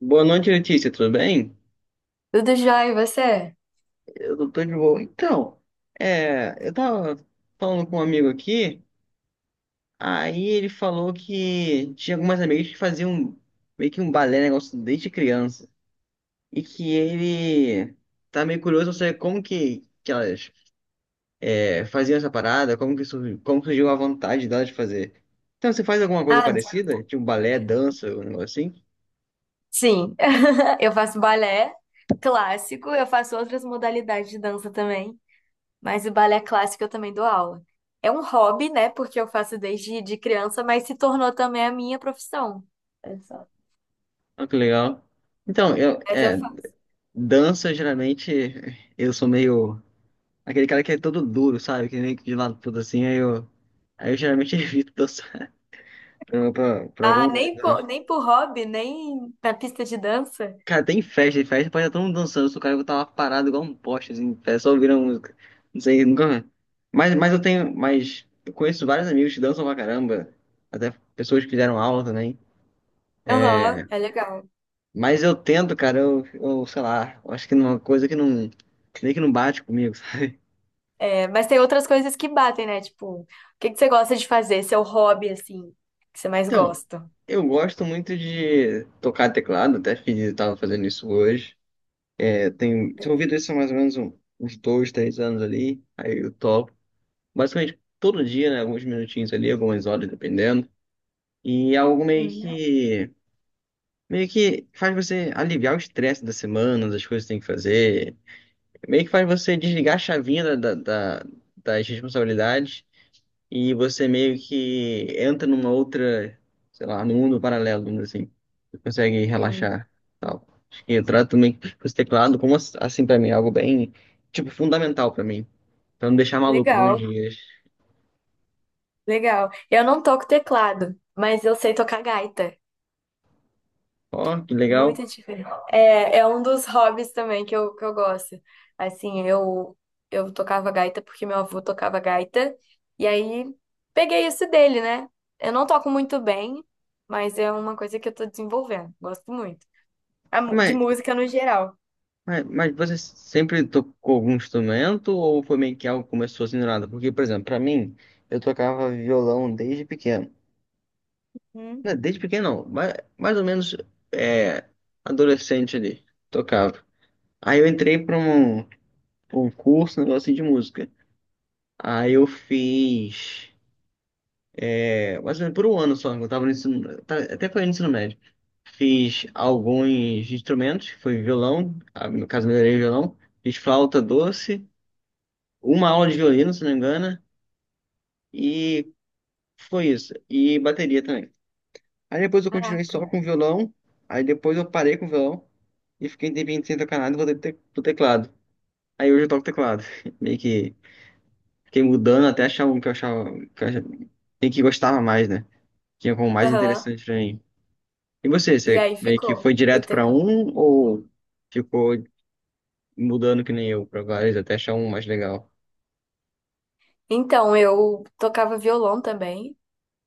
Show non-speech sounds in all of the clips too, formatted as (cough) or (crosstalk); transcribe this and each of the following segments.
Boa noite, Letícia, tudo bem? Tudo jóia, e você? Eu não tô de boa. Eu tava falando com um amigo aqui, aí ele falou que tinha algumas amigas que faziam meio que um balé, negócio desde criança, e que ele tá meio curioso pra saber como que elas faziam essa parada, como que surgiu, como surgiu a vontade delas de fazer. Então, você faz alguma coisa Ah, parecida? Tipo um balé, dança, um negócio assim? sim. (laughs) Eu faço balé clássico, eu faço outras modalidades de dança também, mas o balé clássico eu também dou aula. É um hobby, né? Porque eu faço desde de criança, mas se tornou também a minha profissão. É só. Ah, que legal. Então, eu, Mas eu é, faço. Dança geralmente eu sou meio. Aquele cara que é todo duro, sabe? Que nem de lado tudo assim, aí eu. Aí eu geralmente (laughs) evito dançar pra algum Ah, lugar, nem por, tá? nem por hobby, nem na pista de dança? Cara, tem festa, em festa pode estar todo mundo dançando, se o cara eu tava parado igual um poste, assim, em pé, só ouvindo a música. Não sei, nunca. Mas eu tenho. Mas eu conheço vários amigos que dançam pra caramba. Até pessoas que fizeram aula também. Aham, é legal. Mas eu tento, cara, eu sei lá, eu acho que uma coisa que não. Que nem que não bate comigo, sabe? É, mas tem outras coisas que batem, né? Tipo, o que você gosta de fazer? Seu hobby, assim, que você mais Então, gosta? eu gosto muito de tocar teclado, até fiz, tava fazendo isso hoje. Eu tenho desenvolvido isso há mais ou menos uns dois, três anos ali. Aí eu topo. Basicamente todo dia, né? Alguns minutinhos ali, algumas horas, dependendo. E é algo meio Uhum. que. Meio que faz você aliviar o estresse da semana, das coisas que tem que fazer. Meio que faz você desligar a chavinha da- das responsabilidades e você meio que entra numa outra, sei lá, num mundo paralelo, vamos dizer assim. Você consegue Sim, relaxar, tal. Acho que eu trato também com esse teclado como assim. Pra mim, é algo bem, tipo, fundamental pra mim, pra não deixar maluco alguns legal. dias. Legal. Eu não toco teclado, mas eu sei tocar gaita. Ó, que legal. Muito diferente. É, é um dos hobbies também que eu gosto. Assim, eu tocava gaita porque meu avô tocava gaita. E aí peguei isso dele, né? Eu não toco muito bem, mas é uma coisa que eu tô desenvolvendo. Gosto muito. De Mas, música no geral. mas você sempre tocou algum instrumento ou foi meio que algo que começou assim do nada? Porque, por exemplo, pra mim, eu tocava violão desde pequeno. Hum, Não, desde pequeno não, mais ou menos é, adolescente ali, tocava. Aí eu entrei pra um curso, um negócio assim de música. Aí eu fiz, mais ou menos por um ano só. Eu tava no ensino, até foi no ensino médio. Fiz alguns instrumentos, foi violão, ah, no caso melhorei o violão, fiz flauta doce, uma aula de violino, se não me engano, e foi isso. E bateria também. Aí depois eu continuei só caraca. com violão, aí depois eu parei com o violão e fiquei um tempinho sem tocar nada e voltei pro teclado. Aí hoje eu toco teclado, (laughs) meio que. Fiquei mudando até achar um que eu achava e que gostava mais, né? Tinha como mais Aham. interessante pra mim. E você, E você aí meio que ficou foi o direto pra teclado. um ou ficou mudando que nem eu pra vários até achar um mais legal? Então, eu tocava violão também.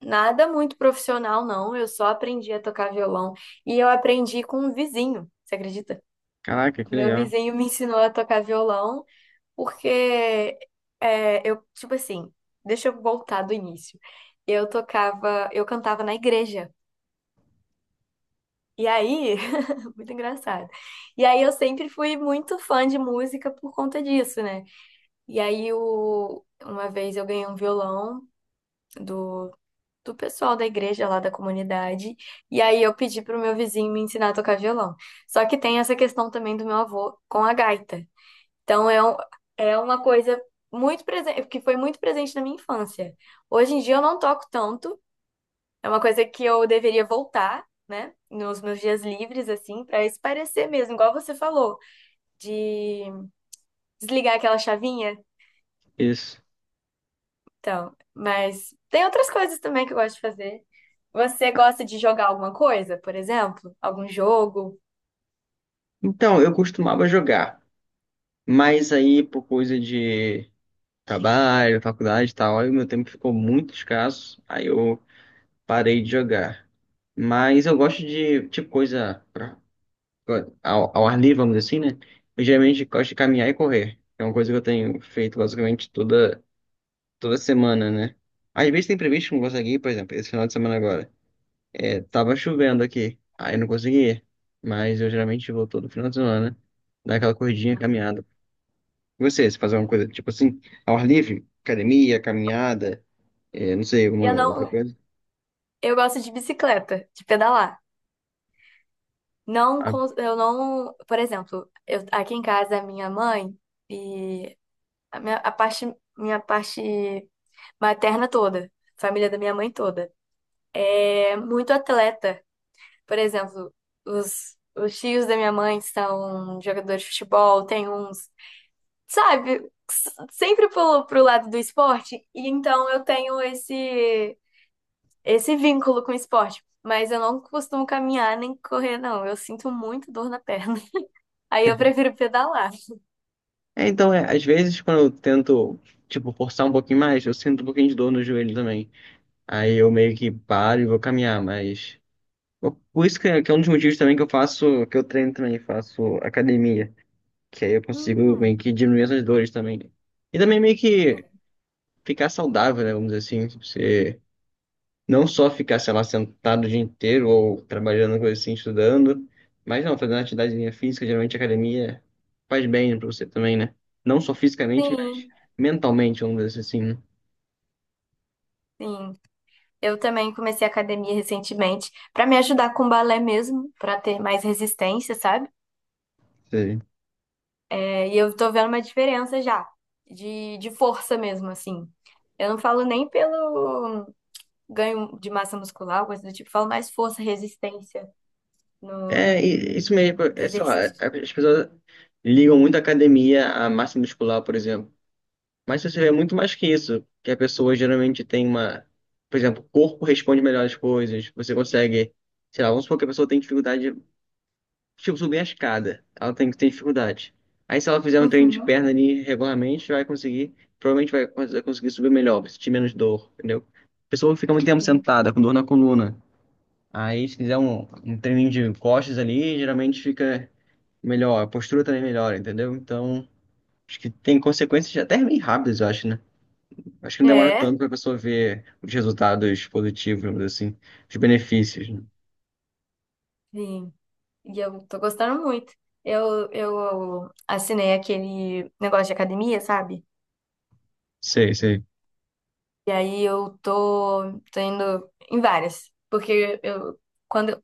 Nada muito profissional, não. Eu só aprendi a tocar violão e eu aprendi com um vizinho, você acredita? Caraca, O que meu legal. vizinho me ensinou a tocar violão porque eu, tipo assim, deixa eu voltar do início. Eu cantava na igreja. E aí, (laughs) muito engraçado. E aí eu sempre fui muito fã de música por conta disso, né? E aí uma vez eu ganhei um violão do do pessoal da igreja lá da comunidade. E aí eu pedi pro meu vizinho me ensinar a tocar violão. Só que tem essa questão também do meu avô com a gaita. Então é, um- É uma coisa muito presente, que foi muito presente na minha infância. Hoje em dia eu não toco tanto, é uma coisa que eu deveria voltar. Né? Nos meus dias livres, assim, para espairecer mesmo, igual você falou, de desligar aquela chavinha. Isso. Então, mas tem outras coisas também que eu gosto de fazer. Você gosta de jogar alguma coisa, por exemplo? Algum jogo? Então, eu costumava jogar, mas aí por coisa de trabalho, faculdade e tal, aí o meu tempo ficou muito escasso, aí eu parei de jogar. Mas eu gosto de, tipo, coisa pra ao ar livre, vamos dizer assim, né? Eu geralmente gosto de caminhar e correr. É uma coisa que eu tenho feito basicamente toda semana, né? Às vezes tem previsto que eu não consegui ir, por exemplo, esse final de semana agora. É, tava chovendo aqui, aí eu não consegui ir. Mas eu geralmente vou todo final de semana, dar aquela corridinha, caminhada. E você, se fazer uma coisa tipo assim, ao ar livre, academia, caminhada, é, não sei, alguma Eu outra não, coisa. eu gosto de bicicleta, de pedalar. Não, Ah, cons- eu não, por exemplo, aqui em casa a minha mãe e a minha minha parte materna toda, família da minha mãe toda, é muito atleta. Por exemplo, os tios da minha mãe são jogadores de futebol, tem uns sabe, s- sempre pro lado do esporte, e então eu tenho esse vínculo com o esporte. Mas eu não costumo caminhar nem correr, não. Eu sinto muito dor na perna. (laughs) Aí eu prefiro pedalar. é, então, é, às vezes quando eu tento, tipo, forçar um pouquinho mais, eu sinto um pouquinho de dor no joelho também. Aí eu meio que paro e vou caminhar, mas. Por isso que é um dos motivos também que eu faço, que eu treino também, faço academia. Que aí eu consigo meio Hum, que diminuir essas dores também. E também meio que ficar saudável, né? Vamos dizer assim, tipo, você não só ficar, sei lá, sentado o dia inteiro ou trabalhando, coisa assim, estudando. Mas não, fazendo atividade física, geralmente academia faz bem pra você também, né? Não só fisicamente, mas sim, mentalmente, vamos dizer assim, sim. Eu também comecei academia recentemente pra me ajudar com balé mesmo, pra ter mais resistência, sabe? né? É, e eu tô vendo uma diferença já de força mesmo, assim. Eu não falo nem pelo ganho de massa muscular, alguma coisa do tipo, falo mais força, resistência nos É, isso mesmo. É, sei lá, exercícios. as pessoas ligam muito a academia à massa muscular, por exemplo. Mas você vê muito mais que isso, que a pessoa geralmente tem uma... Por exemplo, o corpo responde melhor às coisas. Você consegue... Sei lá, vamos supor que a pessoa tem dificuldade... Tipo, subir a escada. Ela tem, que ter dificuldade. Aí se ela fizer um treino de Uhum. perna ali regularmente, vai conseguir... Provavelmente vai, vai conseguir subir melhor, vai sentir menos dor, entendeu? A pessoa fica muito tempo Sim. sentada, com dor na coluna. Aí se fizer um treininho de costas ali, geralmente fica melhor, a postura também melhora, entendeu? Então, acho que tem consequências até bem rápidas, eu acho, né? Acho que não demora É, tanto para a pessoa ver os resultados positivos, vamos dizer assim, os benefícios, né? sim. E eu tô gostando muito. Eu assinei aquele negócio de academia, sabe? Sei, sei. E aí eu tô indo em várias. Porque eu, quando,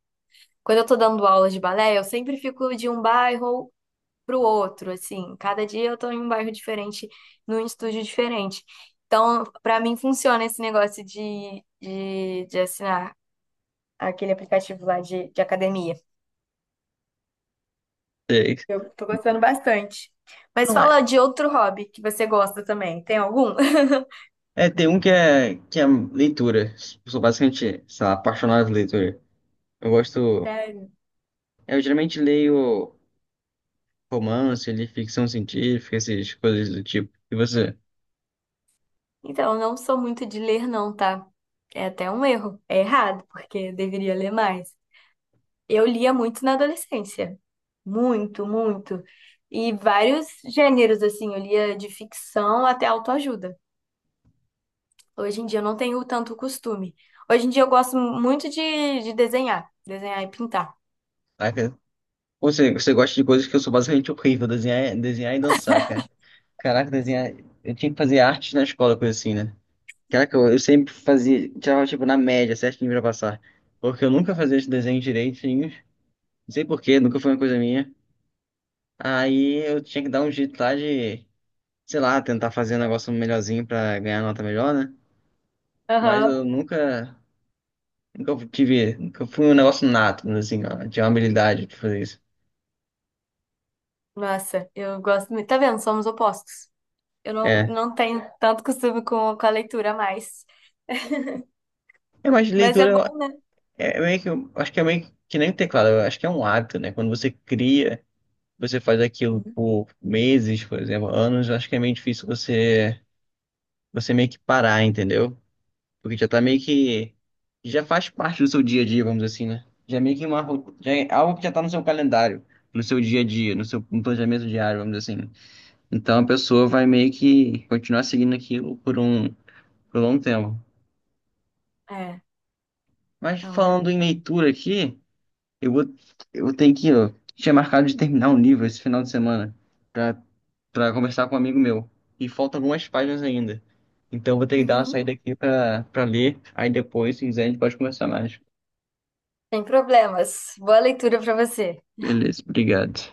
quando eu tô dando aulas de balé, eu sempre fico de um bairro pro outro, assim. Cada dia eu tô em um bairro diferente, num estúdio diferente. Então, pra mim funciona esse negócio de assinar aquele aplicativo lá de academia. Sei. Eu tô gostando bastante. Mas Não, fala de outro hobby que você gosta também. Tem algum? Tem um que que é leitura. Sou basicamente, sei lá, apaixonado por leitura. Eu (laughs) gosto. Sério? Eu geralmente leio romance, li ficção científica, essas coisas do tipo. E você? Então, eu não sou muito de ler, não, tá? É até um erro. É errado, porque eu deveria ler mais. Eu lia muito na adolescência. Muito, muito. E vários gêneros, assim, eu lia de ficção até autoajuda. Hoje em dia eu não tenho tanto costume. Hoje em dia eu gosto muito de desenhar, desenhar e pintar. Saca? Você gosta de coisas que eu sou basicamente horrível, desenhar, desenhar e dançar, cara. Caraca, desenhar. Eu tinha que fazer arte na escola, coisa assim, né? Caraca, eu sempre fazia. Tirava, tipo, na média, certinho pra passar. Porque eu nunca fazia esse desenho direitinho. Não sei por quê, nunca foi uma coisa minha. Aí eu tinha que dar um jeito lá de, sei lá, tentar fazer um negócio melhorzinho pra ganhar nota melhor, né? Mas Aham. eu nunca. Nunca tive. Nunca fui um negócio nato, assim, ó. Tinha uma habilidade de fazer isso. Nossa, eu gosto muito. Tá vendo? Somos opostos. Eu não, É. não tenho tanto costume com a leitura mais. É, mas Mas é bom, né? é meio que. Eu acho que é meio que nem teclado. Eu acho que é um hábito, né? Quando você cria, você faz aquilo Uhum. por meses, por exemplo, anos, eu acho que é meio difícil você meio que parar, entendeu? Porque já tá meio que já faz parte do seu dia a dia, vamos dizer assim, né? Já é meio que já é algo que já tá no seu calendário, no seu dia a dia, no planejamento diário, vamos dizer assim. Então a pessoa vai meio que continuar seguindo aquilo por um longo tempo. É, Mas não é. falando em leitura aqui, eu vou eu tenho que, ó, tinha marcado de terminar um livro esse final de semana. Pra Para conversar com um amigo meu. E faltam algumas páginas ainda. Então vou ter que dar uma Uhum. saída aqui para ler. Aí depois, se quiser, a gente pode conversar mais. Sem problemas. Boa leitura pra você. Beleza, obrigado.